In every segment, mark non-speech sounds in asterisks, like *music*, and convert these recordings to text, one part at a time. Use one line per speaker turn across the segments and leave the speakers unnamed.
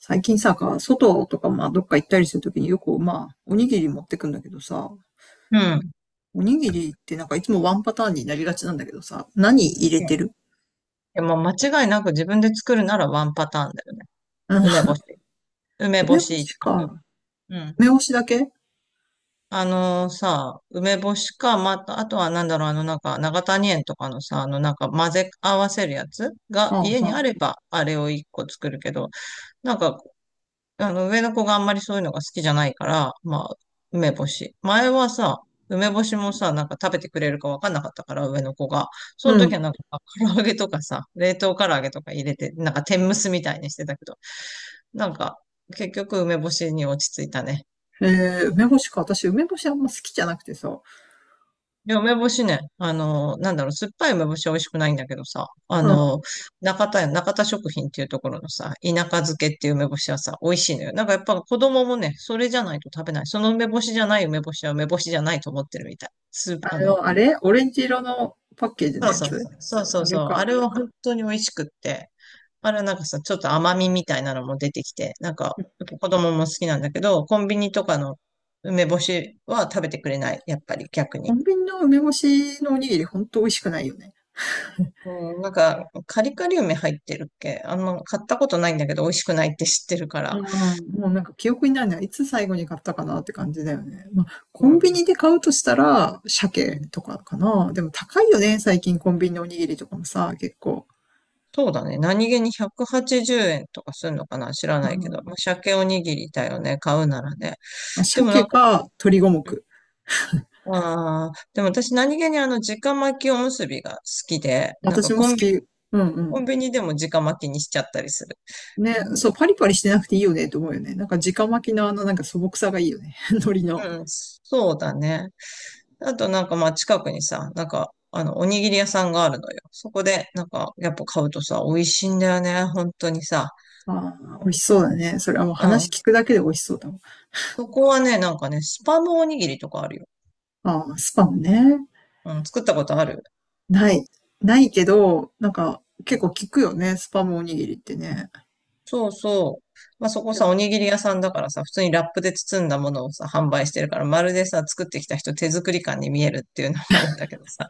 最近さ、外とか、まあ、どっか行ったりするときによく、まあ、おにぎり持ってくんだけどさ、
うん。うん。
おにぎりってなんかいつもワンパターンになりがちなんだけどさ、何入れてる？
でも間違いなく自分で作るならワンパターンだよね。
うん、
梅干し。梅干
梅干
し
し
一択。
か。
うん。
梅干しだけ？
あのさ、梅干しか、また、あとはなんだろう、長谷園とかのさ、混ぜ合わせるやつ
あ
が
あ、は
家に
あ。
あれば、あれを一個作るけど、なんか上の子があんまりそういうのが好きじゃないから、まあ、梅干し。前はさ、梅干しもさ、なんか食べてくれるかわかんなかったから、上の子が。その
う
時
ん。
はなんか、唐揚げとかさ、冷凍唐揚げとか入れて、なんか天むすみたいにしてたけど、なんか、結局梅干しに落ち着いたね。
えー、梅干しか。私、梅干しあんま好きじゃなくてさ。
いや、梅干しね、なんだろう、酸っぱい梅干しは美味しくないんだけどさ、
うん。
中田食品っていうところのさ、田舎漬けっていう梅干しはさ、美味しいのよ。なんかやっぱ子供もね、それじゃないと食べない。その梅干しじゃない梅干しは梅干しじゃないと思ってるみたい。スー
あ
あの、
の、あれオレンジ色のパッケージの
そう
や
そう
つ？
そう、そうそ
あ
うそ
れ
う、あ
か。
れは本当に美味しくって、あれはなんかさ、ちょっと甘みみたいなのも出てきて、やっぱ子供も好きなんだけど、コンビニとかの梅干しは食べてくれない、やっぱり逆
コ
に。
ンビニの梅干しのおにぎりほんと美味しくないよね。
うん、カリカリ梅入ってるっけあんま買ったことないんだけど、美味しくないって知ってるか
あ
ら。
あ、もうなんか記憶にないな。いつ最後に買ったかなって感じだよね。まあ、コ
う
ンビ
ん。
ニで買うとしたら、
う
鮭
ん。
とかかな。でも高いよね、最近コンビニのおにぎりとかもさ、結構。
そうだね。何気に180円とかするのかな知ら
う
ないけど。まあ、
ん。
鮭おにぎりだよね。買うならね。
まあ、
でもな
鮭
んか、
か鶏五
うん。
目。
ああ、でも私何気に直巻きおむすびが好きで、なん
私
か
も好き。うんう
コン
ん。
ビニでも直巻きにしちゃったりする。
ね、
うん、で、
そう、パリパリしてなくていいよねと思うよね。なんか直巻きのあのなんか素朴さがいいよね。*laughs* 海苔の。
うん、そうだね。あとなんかまあ近くにさ、なんかおにぎり屋さんがあるのよ。そこでなんかやっぱ買うとさ、美味しいんだよね、本当にさ。
ああ、美味しそうだね。それはもう
う
話
ん。
聞くだけで美味しそうだもん。
そこはね、なんかね、スパムおにぎりとかあるよ。
ああ、スパムね。
うん、作ったことある。
ない。ないけど、なんか、結構聞くよね、スパムおにぎりってね。
そうそう。まあそこさ、おにぎり屋さんだからさ、普通にラップで包んだものをさ、販売してるから、まるでさ、作ってきた人手作り感に見えるっていうのもあるんだけどさ。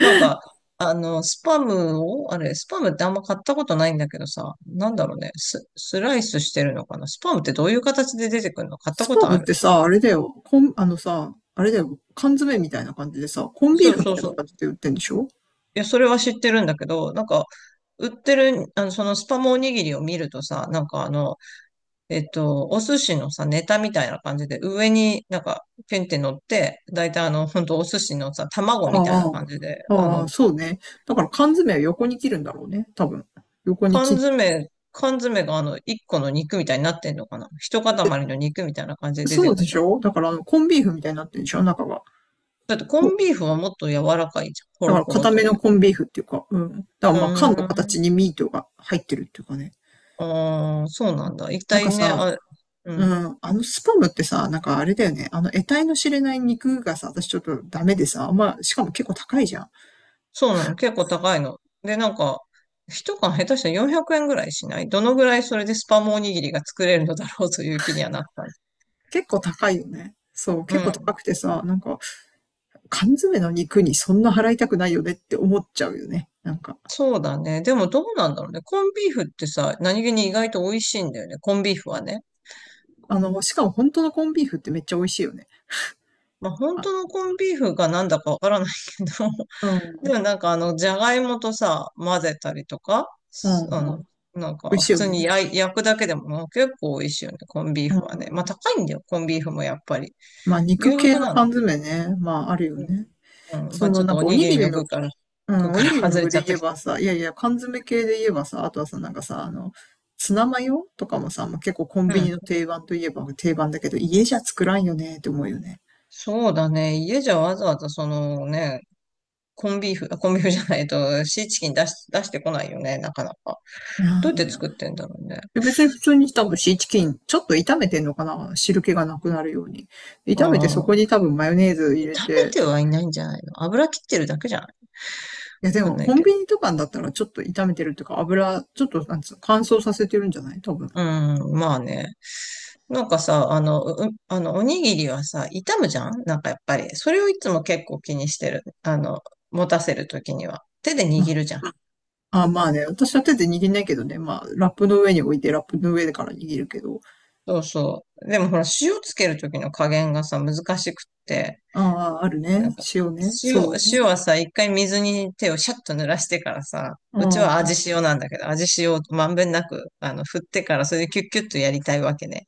なんか、スパムってあんま買ったことないんだけどさ、なんだろうね、スライスしてるのかな？スパムってどういう形で出てくるの？買った
ス
こ
パ
と
ム
あ
っ
る？
てさ、あれだよ、コン、あのさ、あれだよ、缶詰みたいな感じでさ、コンビー
そう
フみ
そう
たいな
そう。
感じで売ってんでしょ？
いや、それは知ってるんだけど、なんか、売ってる、そのスパムおにぎりを見るとさ、なんかお寿司のさ、ネタみたいな感じで、上になんか、ペンって乗って、だいたいほんとお寿司のさ、
あ
卵みたいな感じで、
あ、ああ、そうね。だから缶詰は横に切るんだろうね、多分。横に切
缶
っ、
詰、缶詰が一個の肉みたいになってんのかな？一塊の肉みたいな感じで出
そ
て
う
く
で
る
し
の？
ょ？だからあの、コンビーフみたいになってるでしょ中が。
だってコ
そう
ンビーフはもっと柔らかいじゃん。ホ
だか
ロ
ら
ホロ
固
と
め
い
の
う。
コンビーフっていうか、うん。だから
う
まあ缶の
ー
形に
ん。
ミートが入ってるっていうかね。
ああ、そうなんだ。一
なん
体
か
ね、
さ、
あ、う
う
ん。
ん、あのスパムってさ、なんかあれだよね。あの得体の知れない肉がさ、私ちょっとダメでさ、あんま、しかも結構高いじゃん。
そうなの。結構高いの。で、なんか、一缶下手したら400円ぐらいしない？どのぐらい？それでスパムおにぎりが作れるのだろうという気にはなった。
結構高いよね。そう、
う
結構高
ん。
くてさ、なんか缶詰の肉にそんな払いたくないよねって思っちゃうよね。なんか。
そうだね。でもどうなんだろうね。コンビーフってさ、何気に意外と美味しいんだよね。コンビーフはね。
あの、しかも本当のコンビーフってめっちゃ美味しいよね。
まあ、本
あ、
当のコンビーフがなんだかわからないけど、*laughs*
う
で
ん、
もなんかじゃがいもとさ、混ぜたりとか、
うん、う
す
ん。
あの、なん
美味
か
し
普
いよ
通に
ね。
焼くだけでも結構美味しいよね、コンビー
う
フはね。まあ
ん。
高いんだよ、コンビーフもやっぱり。
まあ肉
牛
系
肉
の
な
缶
の。
詰ね。まああるよね。
うん。うん、ま
そ
あち
の
ょっ
な
と
ん
お
かお
に
に
ぎり
ぎ
の
り
具
の、
から、
う
具
ん、お
か
に
ら
ぎり
*laughs*
の
外れ
具
ち
で
ゃっ
言
た
え
け
ばさ、いやいや、缶詰系で言えばさ、あとはさ、なんかさ、あの、ツナマヨとかもさ、もう結構コン
ど。う
ビニの
ん。
定番といえば定番だけど、家じゃ作らんよねって思うよね。
そうだね。家じゃわざわざそのね、コンビーフじゃないと、シーチキン出してこないよね、なかなか。
うんう
どうやって作っ
ん。
てんだろうね。
で別に普通に多分シーチキン、ちょっと炒めてんのかな汁気がなくなるように。
あ
炒めてそこ
あ。
に多分マヨネーズ入れ
食べ
て、
てはいないんじゃないの？油切ってるだけじゃない？
いやで
わかん
も
ない
コン
け
ビ
ど。
ニとかだったらちょっと炒めてるっていうか油、ちょっとなんつうの、乾燥させてるんじゃない多分。
うん、まあね。なんかさ、あの、う、あの、おにぎりはさ、傷むじゃんなんかやっぱり。それをいつも結構気にしてる。持たせるときには。手で
ま
握るじゃん。
あ、あ、まあね、私は手で握んないけどね、まあラップの上に置いてラップの上でから握るけど。
そうそう。でもほら、塩つけるときの加減がさ、難しくって。
ああ、ある
なん
ね。
か、
塩ね。
塩、
そうね。
塩はさ、一回水に手をシャッと濡らしてからさ、
う
うちは
ん。
味塩なんだけど、味塩をまんべんなく、振ってから、それでキュッキュッとやりたいわけね。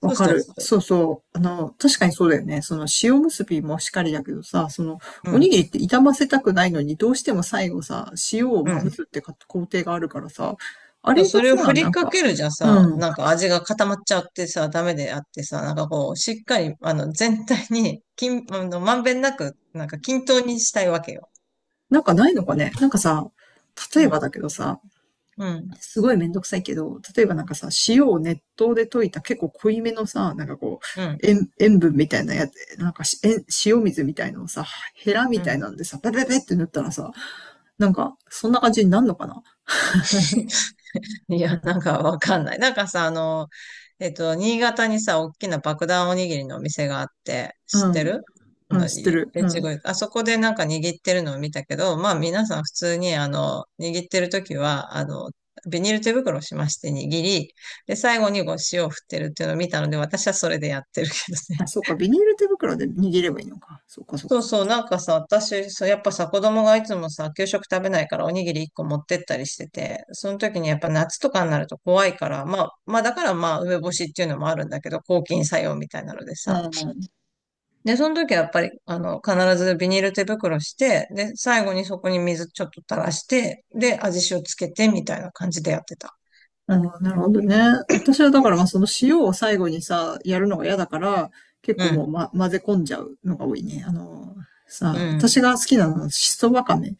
そ
わ
うす
か
る
る。
と、
そうそう。あの、確かにそうだよね。その塩結びもしかりだけどさ、その、
う
おに
ん。
ぎりって傷ませたくないのに、どうしても最後さ、塩を
う
まぶすっ
ん。
てか工程があるからさ、あ
そう
れが
それを
さ、
振
な
り
ん
か
か、
けるじゃ
う
さ、
ん。
なんか味が固まっちゃってさ、ダメであってさ、なんかこう、しっかり、全体に、均あの、まんべんなく、なんか均等にしたいわけよ。
なんかないのかね。なんかさ、例
う
えば
ん、
だけどさ、
うん、
すごいめんどくさいけど、例えばなんかさ、塩を熱湯で溶いた結構濃いめのさ、なんかこ
うん、
う、塩分みたいなやつ、なんか塩水みたいなのをさ、ヘラみ
う
たい
ん。
なんでさ、ペペペって塗ったらさ、なんか、そんな感じになるのかな？
*laughs* いや、なんかわかんない。なんかさ、新潟にさ、大きな爆弾おにぎりのお店があって、
う
知って
ん。
る
うん、
の？
知ってる。う
越後
ん。
湯あそこでなんか握ってるのを見たけど、まあ皆さん普通に、握ってる時は、ビニール手袋をしまして握り、で、最後にこう塩を振ってるっていうのを見たので、私はそれでやってるけどね。
あ、そうか、ビニール手袋で握ればいいのか。そうか、そう
そう
か。
そう、なんかさ、私、そう、やっぱさ、子供がいつもさ、給食食べないからおにぎり1個持ってったりしてて、その時にやっぱ夏とかになると怖いから、まあ、まあだからまあ、梅干しっていうのもあるんだけど、抗菌作用みたいなので
う
さ。
ん。
で、その時はやっぱり、必ずビニール手袋して、で、最後にそこに水ちょっと垂らして、で、味塩つけてみたいな感じでやってた。
うん、なるほどね。私はだから、まあ、その塩を最後にさ、やるのが嫌だから、結
う
構もう、
ん、
ま、混ぜ込んじゃうのが多いね。あの、
う
さ、私
ん、
が好きなのは、しそわかめ。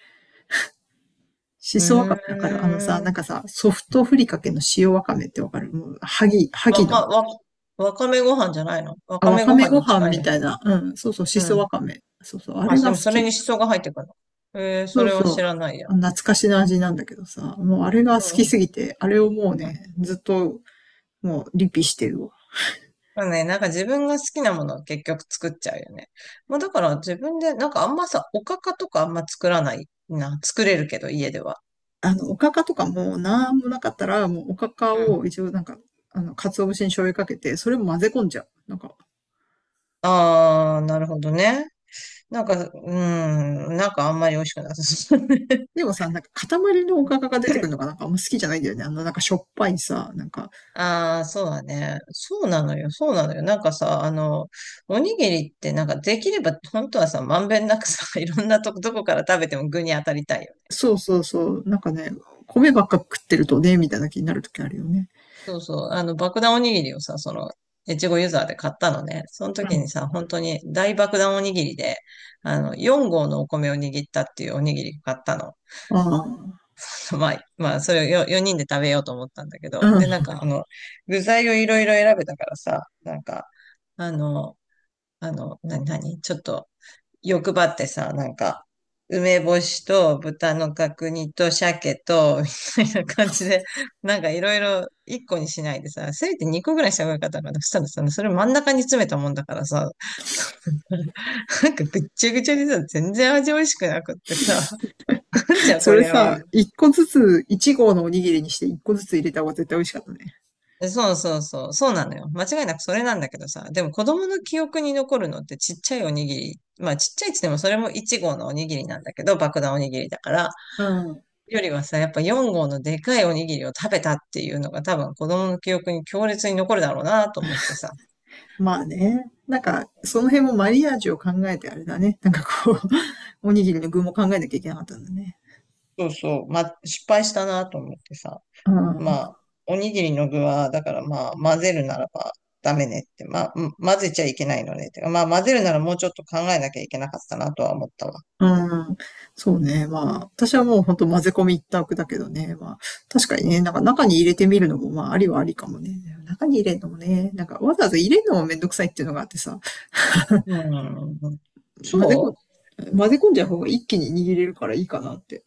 しそわかめ
う
わかる？あのさ、
ー
なん
ん。
かさ、ソフトふりかけの塩わかめってわかる？もう、はぎ、は
わ
ぎの。
か、わ、わかめご飯じゃないの？わ
あ、
か
わ
め
か
ご
め
飯
ご
に
飯
近い
み
ね。
たいな。うん、そうそう、し
う
そわ
ん、
かめ。そうそう、あ
あ、
れ
で
が
も
好
それ
き。
に思想が入ってくるの？えー、そ
そう
れは
そ
知
う。
らないや。
あ懐かしの味なんだけどさ、もうあれが
う
好き
ん。
すぎて、あれをもう
うん。
ね、ずっともうリピしてるわ。
まあね、なんか自分が好きなものを結局作っちゃうよね。まあだから自分で、なんかあんまさ、おかかとかあんま作らないな。作れるけど、家では。
あの、おかかとかもなんもなかったら、もうおかか
うん。
を一応なんか、あの、鰹節に醤油かけて、それも混ぜ込んじゃう。なんか、
ああ、なるほどね。なんか、うん、なんかあんまり美味しくなさそうね。
でもさ、なんか塊のおかかが出てくるのがな
*laughs*
んかあんま好きじゃないんだよね。あの、なんかしょっぱいさ、なんか、
ああ、そうだね。そうなのよ、そうなのよ。なんかさ、おにぎりってなんかできれば、本当はさ、まんべんなくさ、*laughs* いろんなとこ、どこから食べても具に当たりたいよね。
そうそうそう。なんかね、米ばっか食ってるとね、みたいな気になるときあるよね。
そうそう、爆弾おにぎりをさ、その、越後ユーザーで買ったのね。その時にさ、本当に大爆弾おにぎりで、4合のお米を握ったっていうおにぎり買ったの。
うん。あ
*laughs* まあ、まあ、それを4人で食べようと思ったんだけ
あ。
ど。
うん。
で、なんか、具材をいろいろ選べたからさ、なんか、あの、なになにちょっと、欲張ってさ、なんか、梅干しと豚の角煮と鮭と、みたいな感じで、なんかいろいろ1個にしないでさ、せめて2個ぐらいした方がよかったのかな。そしたらさ、それ真ん中に詰めたもんだからさ、*laughs* なんかぐっちゃぐちゃにさ、全然味美味しくなくってさ、なんじ
*laughs*
ゃ
そ
こ
れ
りゃは。
さ、一個ずつ、一合のおにぎりにして一個ずつ入れた方が絶対美味しかったね。
そうそうそう、そうなのよ。間違いなくそれなんだけどさ、でも子供の記憶に残るのってちっちゃいおにぎり。まあちっちゃいっつってもそれも1号のおにぎりなんだけど、爆弾おにぎりだから。
うん。
よりはさ、やっぱ4号のでかいおにぎりを食べたっていうのが多分子供の記憶に強烈に残るだろうなと思ってさ。
まあね。なんか、その辺もマリアージュを考えてあれだね。なんかこう、*laughs* おにぎりの具も考えなきゃいけなかったんだね。
そうそう。まあ、失敗したなと思ってさ。
う
ま
ん。
あ、おにぎりの具は、だからまあ、混ぜるならばダメねって。まあ、うん、混ぜちゃいけないのねって。まあ、混ぜるならもうちょっと考えなきゃいけなかったなとは思ったわ。
うん。そうね。まあ、私はもう本当混ぜ込み一択だけどね。まあ、確かにね、なんか中に入れてみるのも、まあ、ありはありかもね。中に入れるのもね、なんかわざわざ入れるのもめんどくさいっていうのがあってさ、
うん。
混ぜこ、
そ
混ぜ込んじゃう方が一気に握れるからいいかなって。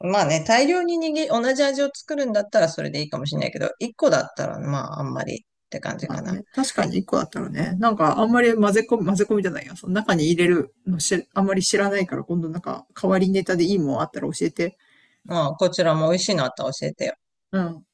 うまあね、大量に握り、同じ味を作るんだったらそれでいいかもしれないけど、1個だったらまあ、あんまりって感じ
まあ
かな。
ね、確かに一個だったらね、なんかあんまり混ぜ込みじゃないや。その中に入れるのし、あんまり知らないから、今度なんか代わりネタでいいもんあったら教えて。
まあ、こちらも美味しいのあったら教えてよ。
うん。